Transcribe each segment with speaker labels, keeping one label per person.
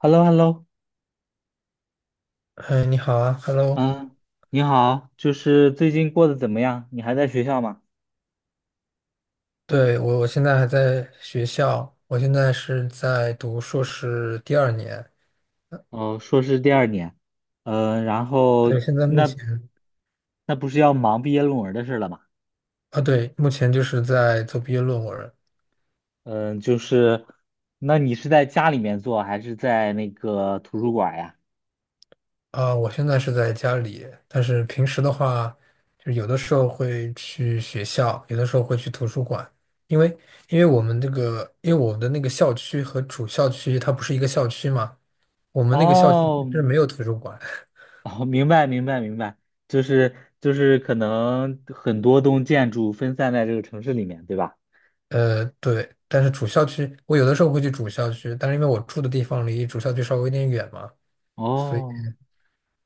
Speaker 1: h e l l o h e l l o
Speaker 2: 哎，你好啊，Hello。
Speaker 1: 嗯，你好，就是最近过得怎么样？你还在学校吗？
Speaker 2: 对，我现在还在学校。我现在是在读硕士第二年。
Speaker 1: 哦，硕士第二年。然后
Speaker 2: 对，现在目
Speaker 1: 那
Speaker 2: 前。
Speaker 1: 那不是要忙毕业论文的事了吗？
Speaker 2: 啊，对，目前就是在做毕业论文。
Speaker 1: 嗯、就是那你是在家里面做还是在那个图书馆呀？
Speaker 2: 啊，我现在是在家里，但是平时的话，就是有的时候会去学校，有的时候会去图书馆。因为因为我们这个，因为我们的那个校区和主校区它不是一个校区嘛，我们那个校区
Speaker 1: 哦，
Speaker 2: 是没有图书馆。
Speaker 1: 哦，明白明白明白，就是可能很多栋建筑分散在这个城市里面，对吧？
Speaker 2: 对，但是主校区，我有的时候会去主校区，但是因为我住的地方离主校区稍微有点远嘛，所以，
Speaker 1: 哦。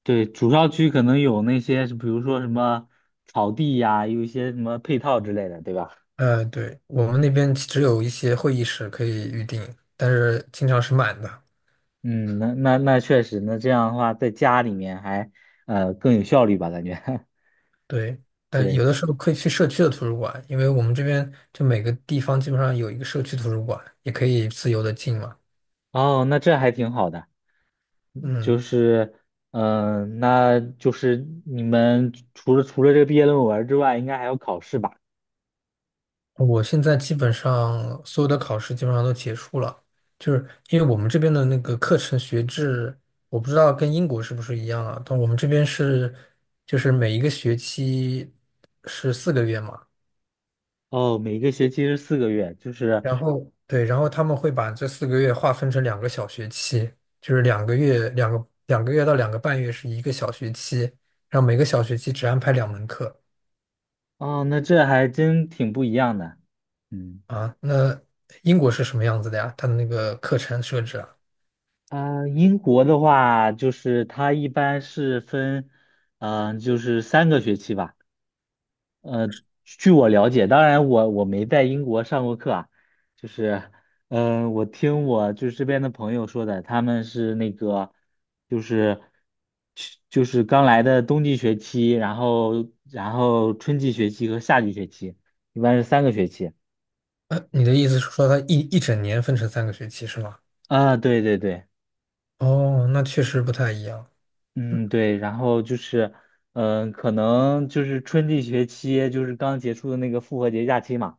Speaker 1: 对，主校区可能有那些，比如说什么草地呀，有一些什么配套之类的，对吧？
Speaker 2: 对，我们那边只有一些会议室可以预定，但是经常是满的。
Speaker 1: 嗯，那确实，那这样的话，在家里面还更有效率吧，感觉。
Speaker 2: 对，但
Speaker 1: 对，
Speaker 2: 有的时候可以去社区的图书馆，因为我们这边就每个地方基本上有一个社区图书馆，也可以自由的进嘛。
Speaker 1: 哦，那这还挺好的，就
Speaker 2: 嗯，
Speaker 1: 是。那就是你们除了这个毕业论文之外，应该还有考试吧？
Speaker 2: 我现在基本上所有的考试基本上都结束了。就是因为我们这边的那个课程学制，我不知道跟英国是不是一样啊，但我们这边就是每一个学期是四个月嘛。
Speaker 1: 哦，每个学期是4个月，就是。
Speaker 2: 然后对，然后他们会把这四个月划分成两个小学期，就是两个月到2个半月是一个小学期，然后每个小学期只安排两门课
Speaker 1: 哦，那这还真挺不一样的。嗯。
Speaker 2: 啊。那英国是什么样子的呀？它的那个课程设置啊？
Speaker 1: 啊，英国的话，就是它一般是分，就是三个学期吧。呃，据我了解，当然我没在英国上过课啊，就是。我听我就是这边的朋友说的，他们是那个，就是就是刚来的冬季学期，然后春季学期和夏季学期，一般是三个学期。
Speaker 2: 你的意思是说它一整年分成三个学期是吗？
Speaker 1: 啊，对对对。
Speaker 2: 哦，那确实不太一样。
Speaker 1: 嗯，对，然后就是。可能就是春季学期，就是刚结束的那个复活节假期嘛，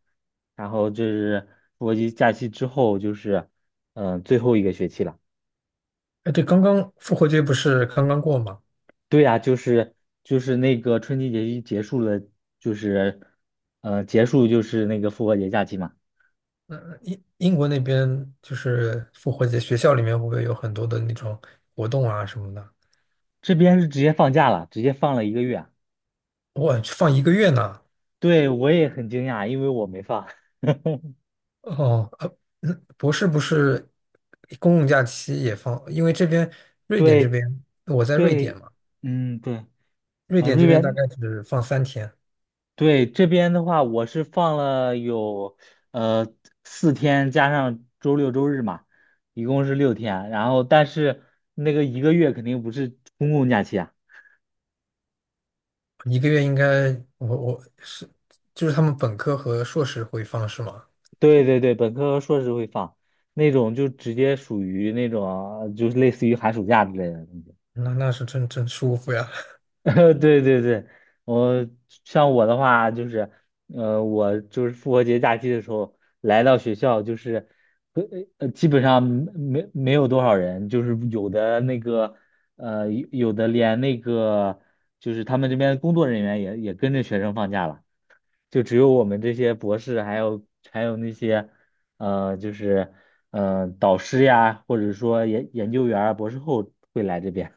Speaker 1: 然后就是复活节假期之后，就是。最后一个学期了。
Speaker 2: 哎，对，刚刚复活节不是刚刚过吗？
Speaker 1: 对呀，就是那个春季学期结束了，就是。结束就是那个复活节假期嘛，
Speaker 2: 那英国那边就是复活节，学校里面会不会有很多的那种活动啊什么的？
Speaker 1: 这边是直接放假了，直接放了一个月啊。
Speaker 2: 哇，放一个月呢？
Speaker 1: 对，我也很惊讶，因为我没放。
Speaker 2: 哦，博士不是公共假期也放，因为这边瑞典这
Speaker 1: 对，
Speaker 2: 边我在瑞典
Speaker 1: 对，
Speaker 2: 嘛。
Speaker 1: 嗯，对，
Speaker 2: 瑞
Speaker 1: 啊，
Speaker 2: 典
Speaker 1: 瑞
Speaker 2: 这边大
Speaker 1: 典。
Speaker 2: 概只放3天。
Speaker 1: 对，这边的话，我是放了有呃4天，加上周六周日嘛，一共是6天。然后，但是那个一个月肯定不是公共假期啊。
Speaker 2: 一个月应该。我是就是他们本科和硕士会放是吗？
Speaker 1: 对对对，本科和硕士会放，那种就直接属于那种就是类似于寒暑假之类的。
Speaker 2: 那是真舒服呀。
Speaker 1: 对对对，我像我的话就是。我就是复活节假期的时候来到学校，就是。呃基本上没有多少人，就是有的那个有的连那个就是他们这边工作人员也跟着学生放假了，就只有我们这些博士，还有那些就是导师呀，或者说研究员儿，博士后会来这边。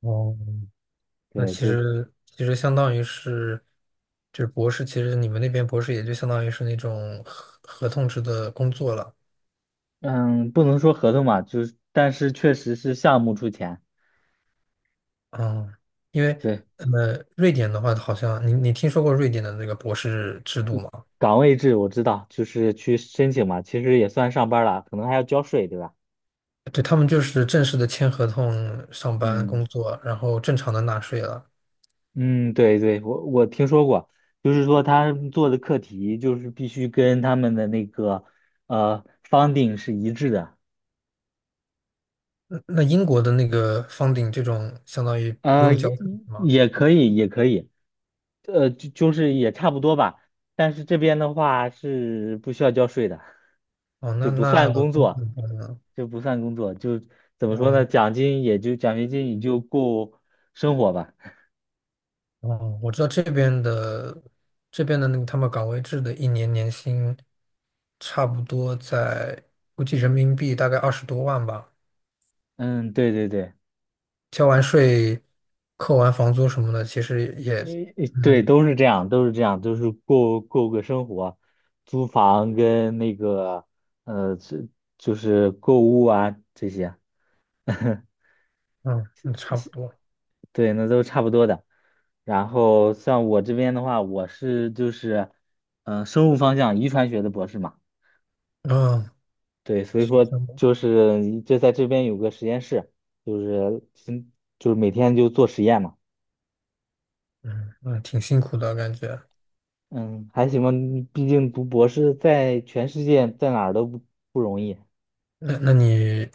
Speaker 2: 哦 那
Speaker 1: 对，
Speaker 2: 其
Speaker 1: 就
Speaker 2: 实其实相当于是，就是博士，其实你们那边博士也就相当于是那种合同制的工作了。
Speaker 1: 嗯，不能说合同嘛，就是但是确实是项目出钱。
Speaker 2: 嗯，因为
Speaker 1: 对，
Speaker 2: 呃，瑞典的话，好像你听说过瑞典的那个博士制度吗？
Speaker 1: 岗位制我知道，就是去申请嘛，其实也算上班了，可能还要交税，对吧？
Speaker 2: 对，他们就是正式的签合同上班
Speaker 1: 嗯
Speaker 2: 工作，然后正常的纳税了。
Speaker 1: 嗯，对对，我听说过，就是说他们做的课题就是必须跟他们的那个呃 funding 是一致的。
Speaker 2: 那英国的那个 funding 这种相当于不
Speaker 1: 呃
Speaker 2: 用交
Speaker 1: 也
Speaker 2: 税是吗？
Speaker 1: 也可以也可以。就是也差不多吧，但是这边的话是不需要交税的，
Speaker 2: 哦，
Speaker 1: 就
Speaker 2: 那
Speaker 1: 不
Speaker 2: 那
Speaker 1: 算
Speaker 2: 我
Speaker 1: 工
Speaker 2: 我怎
Speaker 1: 作，
Speaker 2: 么办呢。
Speaker 1: 就不算工作，就怎么说呢。
Speaker 2: 嗯，
Speaker 1: 奖学金也就够生活吧。
Speaker 2: 哦，我知道这边的那个他们岗位制的一年年薪差不多在估计人民币大概20多万吧。
Speaker 1: 嗯，对对对，
Speaker 2: 交完税、扣完房租什么的，其实也
Speaker 1: 诶，诶对，
Speaker 2: 嗯
Speaker 1: 都是这样，都是这样，都是过个生活，租房跟那个呃，这就是购物啊这些。
Speaker 2: 嗯差不多。
Speaker 1: 对，那都差不多的。然后像我这边的话，我就是，生物方向遗传学的博士嘛。
Speaker 2: 嗯，
Speaker 1: 对，所以
Speaker 2: 是
Speaker 1: 说
Speaker 2: 这么
Speaker 1: 就是就在这边有个实验室，就是嗯就是每天就做实验嘛。
Speaker 2: 嗯挺辛苦的感觉。
Speaker 1: 嗯，还行吧，你毕竟读博士在全世界在哪儿都不容易。
Speaker 2: 那你，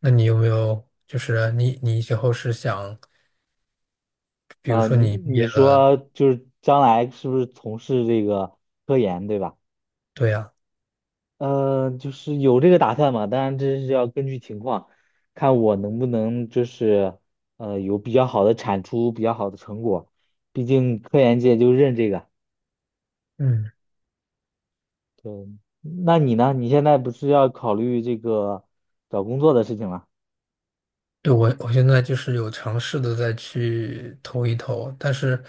Speaker 2: 那你有没有就是你以后是想，比如说
Speaker 1: 你
Speaker 2: 你毕业
Speaker 1: 你
Speaker 2: 了。
Speaker 1: 说就是将来是不是从事这个科研，对吧？
Speaker 2: 对呀。
Speaker 1: 嗯，就是有这个打算嘛，当然这是要根据情况，看我能不能就是有比较好的产出，比较好的成果。毕竟科研界就认这个。
Speaker 2: 嗯，
Speaker 1: 对，那你呢？你现在不是要考虑这个找工作的事情了？
Speaker 2: 对我现在就是有尝试的再去投一投，但是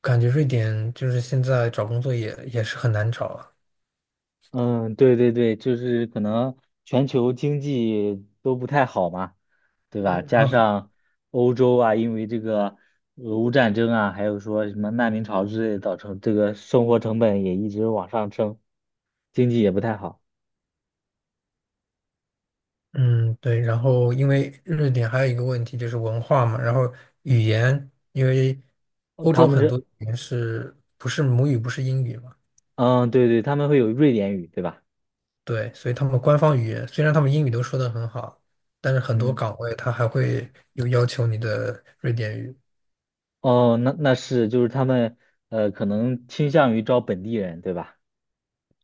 Speaker 2: 感觉瑞典就是现在找工作也是很难找啊。
Speaker 1: 嗯，对对对，就是可能全球经济都不太好嘛，对吧？
Speaker 2: 对，然
Speaker 1: 加
Speaker 2: 后，
Speaker 1: 上欧洲啊，因为这个俄乌战争啊，还有说什么难民潮之类，造成这个生活成本也一直往上升，经济也不太好。
Speaker 2: 嗯，对，然后因为瑞典还有一个问题就是文化嘛，然后语言，因为
Speaker 1: 哦
Speaker 2: 欧
Speaker 1: 他
Speaker 2: 洲
Speaker 1: 们
Speaker 2: 很多
Speaker 1: 这。
Speaker 2: 语言是不是母语不是英语嘛。
Speaker 1: 嗯，对对，他们会有瑞典语，对吧？
Speaker 2: 对，所以他们官方语言虽然他们英语都说的很好，但是很多
Speaker 1: 嗯，
Speaker 2: 岗位他还会有要求你的瑞典语。
Speaker 1: 哦，那是，就是他们可能倾向于招本地人，对吧？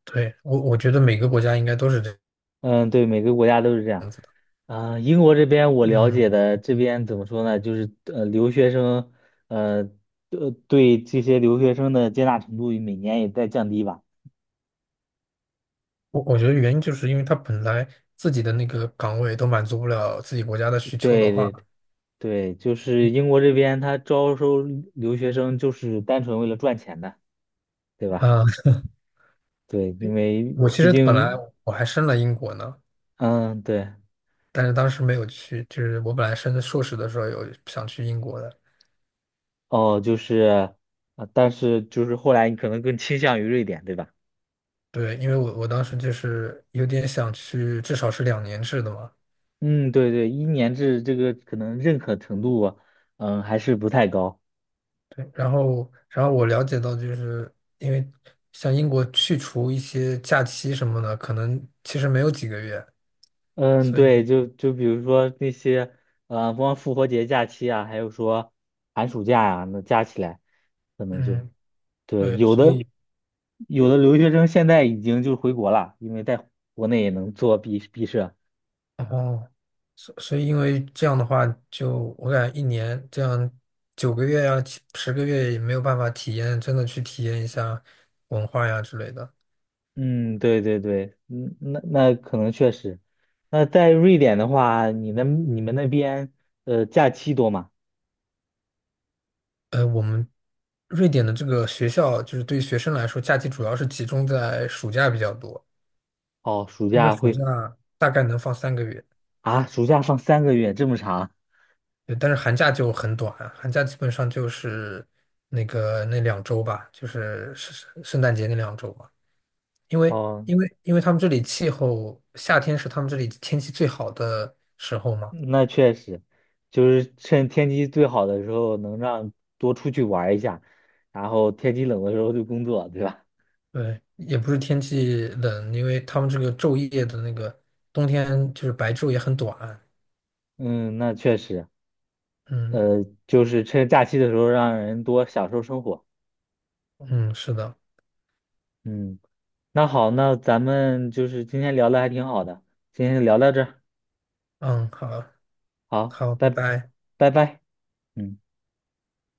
Speaker 2: 对，我觉得每个国家应该都是这样。
Speaker 1: 嗯，对，每个国家都是这样。啊，英国这边我了
Speaker 2: 嗯，
Speaker 1: 解的，这边怎么说呢？就是留学生。呃，对这些留学生的接纳程度每年也在降低吧。
Speaker 2: 我觉得原因就是因为他本来自己的那个岗位都满足不了自己国家的需求的
Speaker 1: 对
Speaker 2: 话。
Speaker 1: 对对，就是英国这边他招收留学生就是单纯为了赚钱的，对吧？
Speaker 2: 啊、
Speaker 1: 对，因为
Speaker 2: 我其
Speaker 1: 毕
Speaker 2: 实本来
Speaker 1: 竟。
Speaker 2: 我还申了英国呢，
Speaker 1: 嗯，对，
Speaker 2: 但是当时没有去，就是我本来申硕士的时候有想去英国的。
Speaker 1: 哦，就是。啊，但是就是后来你可能更倾向于瑞典，对吧？
Speaker 2: 对，因为我当时就是有点想去，至少是2年制的嘛。
Speaker 1: 嗯，对对，一年制这个可能认可程度啊。还是不太高。
Speaker 2: 对然后，我了解到，就是因为像英国去除一些假期什么的，可能其实没有几个月，
Speaker 1: 嗯，
Speaker 2: 所以，
Speaker 1: 对，就比如说那些。光复活节假期啊，还有说寒暑假呀，那加起来，可能就
Speaker 2: 嗯，
Speaker 1: 对，
Speaker 2: 对，
Speaker 1: 有
Speaker 2: 所
Speaker 1: 的
Speaker 2: 以，
Speaker 1: 有的留学生现在已经就回国了，因为在国内也能做毕设。
Speaker 2: 哦，所以因为这样的话，就我感觉一年这样9个月呀、70个月也没有办法体验，真的去体验一下文化呀之类的。
Speaker 1: 嗯，对对对，嗯，那可能确实。那在瑞典的话，那你们那边假期多吗？
Speaker 2: 我们瑞典的这个学校，就是对于学生来说，假期主要是集中在暑假比较多。
Speaker 1: 哦，暑
Speaker 2: 那们
Speaker 1: 假
Speaker 2: 暑
Speaker 1: 会。
Speaker 2: 假大概能放3个月。
Speaker 1: 啊，暑假放3个月，这么长？
Speaker 2: 对，但是寒假就很短，寒假基本上就是那个那两周吧，就是圣诞节那两周吧。因为
Speaker 1: 哦，
Speaker 2: 因为因为他们这里气候，夏天是他们这里天气最好的时候嘛。
Speaker 1: 那确实，就是趁天气最好的时候，能让多出去玩儿一下，然后天气冷的时候就工作，对吧？
Speaker 2: 对，也不是天气冷，因为他们这个昼夜的那个冬天就是白昼也很短。
Speaker 1: 嗯，那确实。
Speaker 2: 嗯
Speaker 1: 就是趁假期的时候让人多享受生活。
Speaker 2: 嗯，是的，
Speaker 1: 嗯，那好，那咱们就是今天聊的还挺好的，今天就聊到这儿，
Speaker 2: 嗯，好
Speaker 1: 好，
Speaker 2: 好，
Speaker 1: 拜
Speaker 2: 拜拜。
Speaker 1: 拜拜。嗯。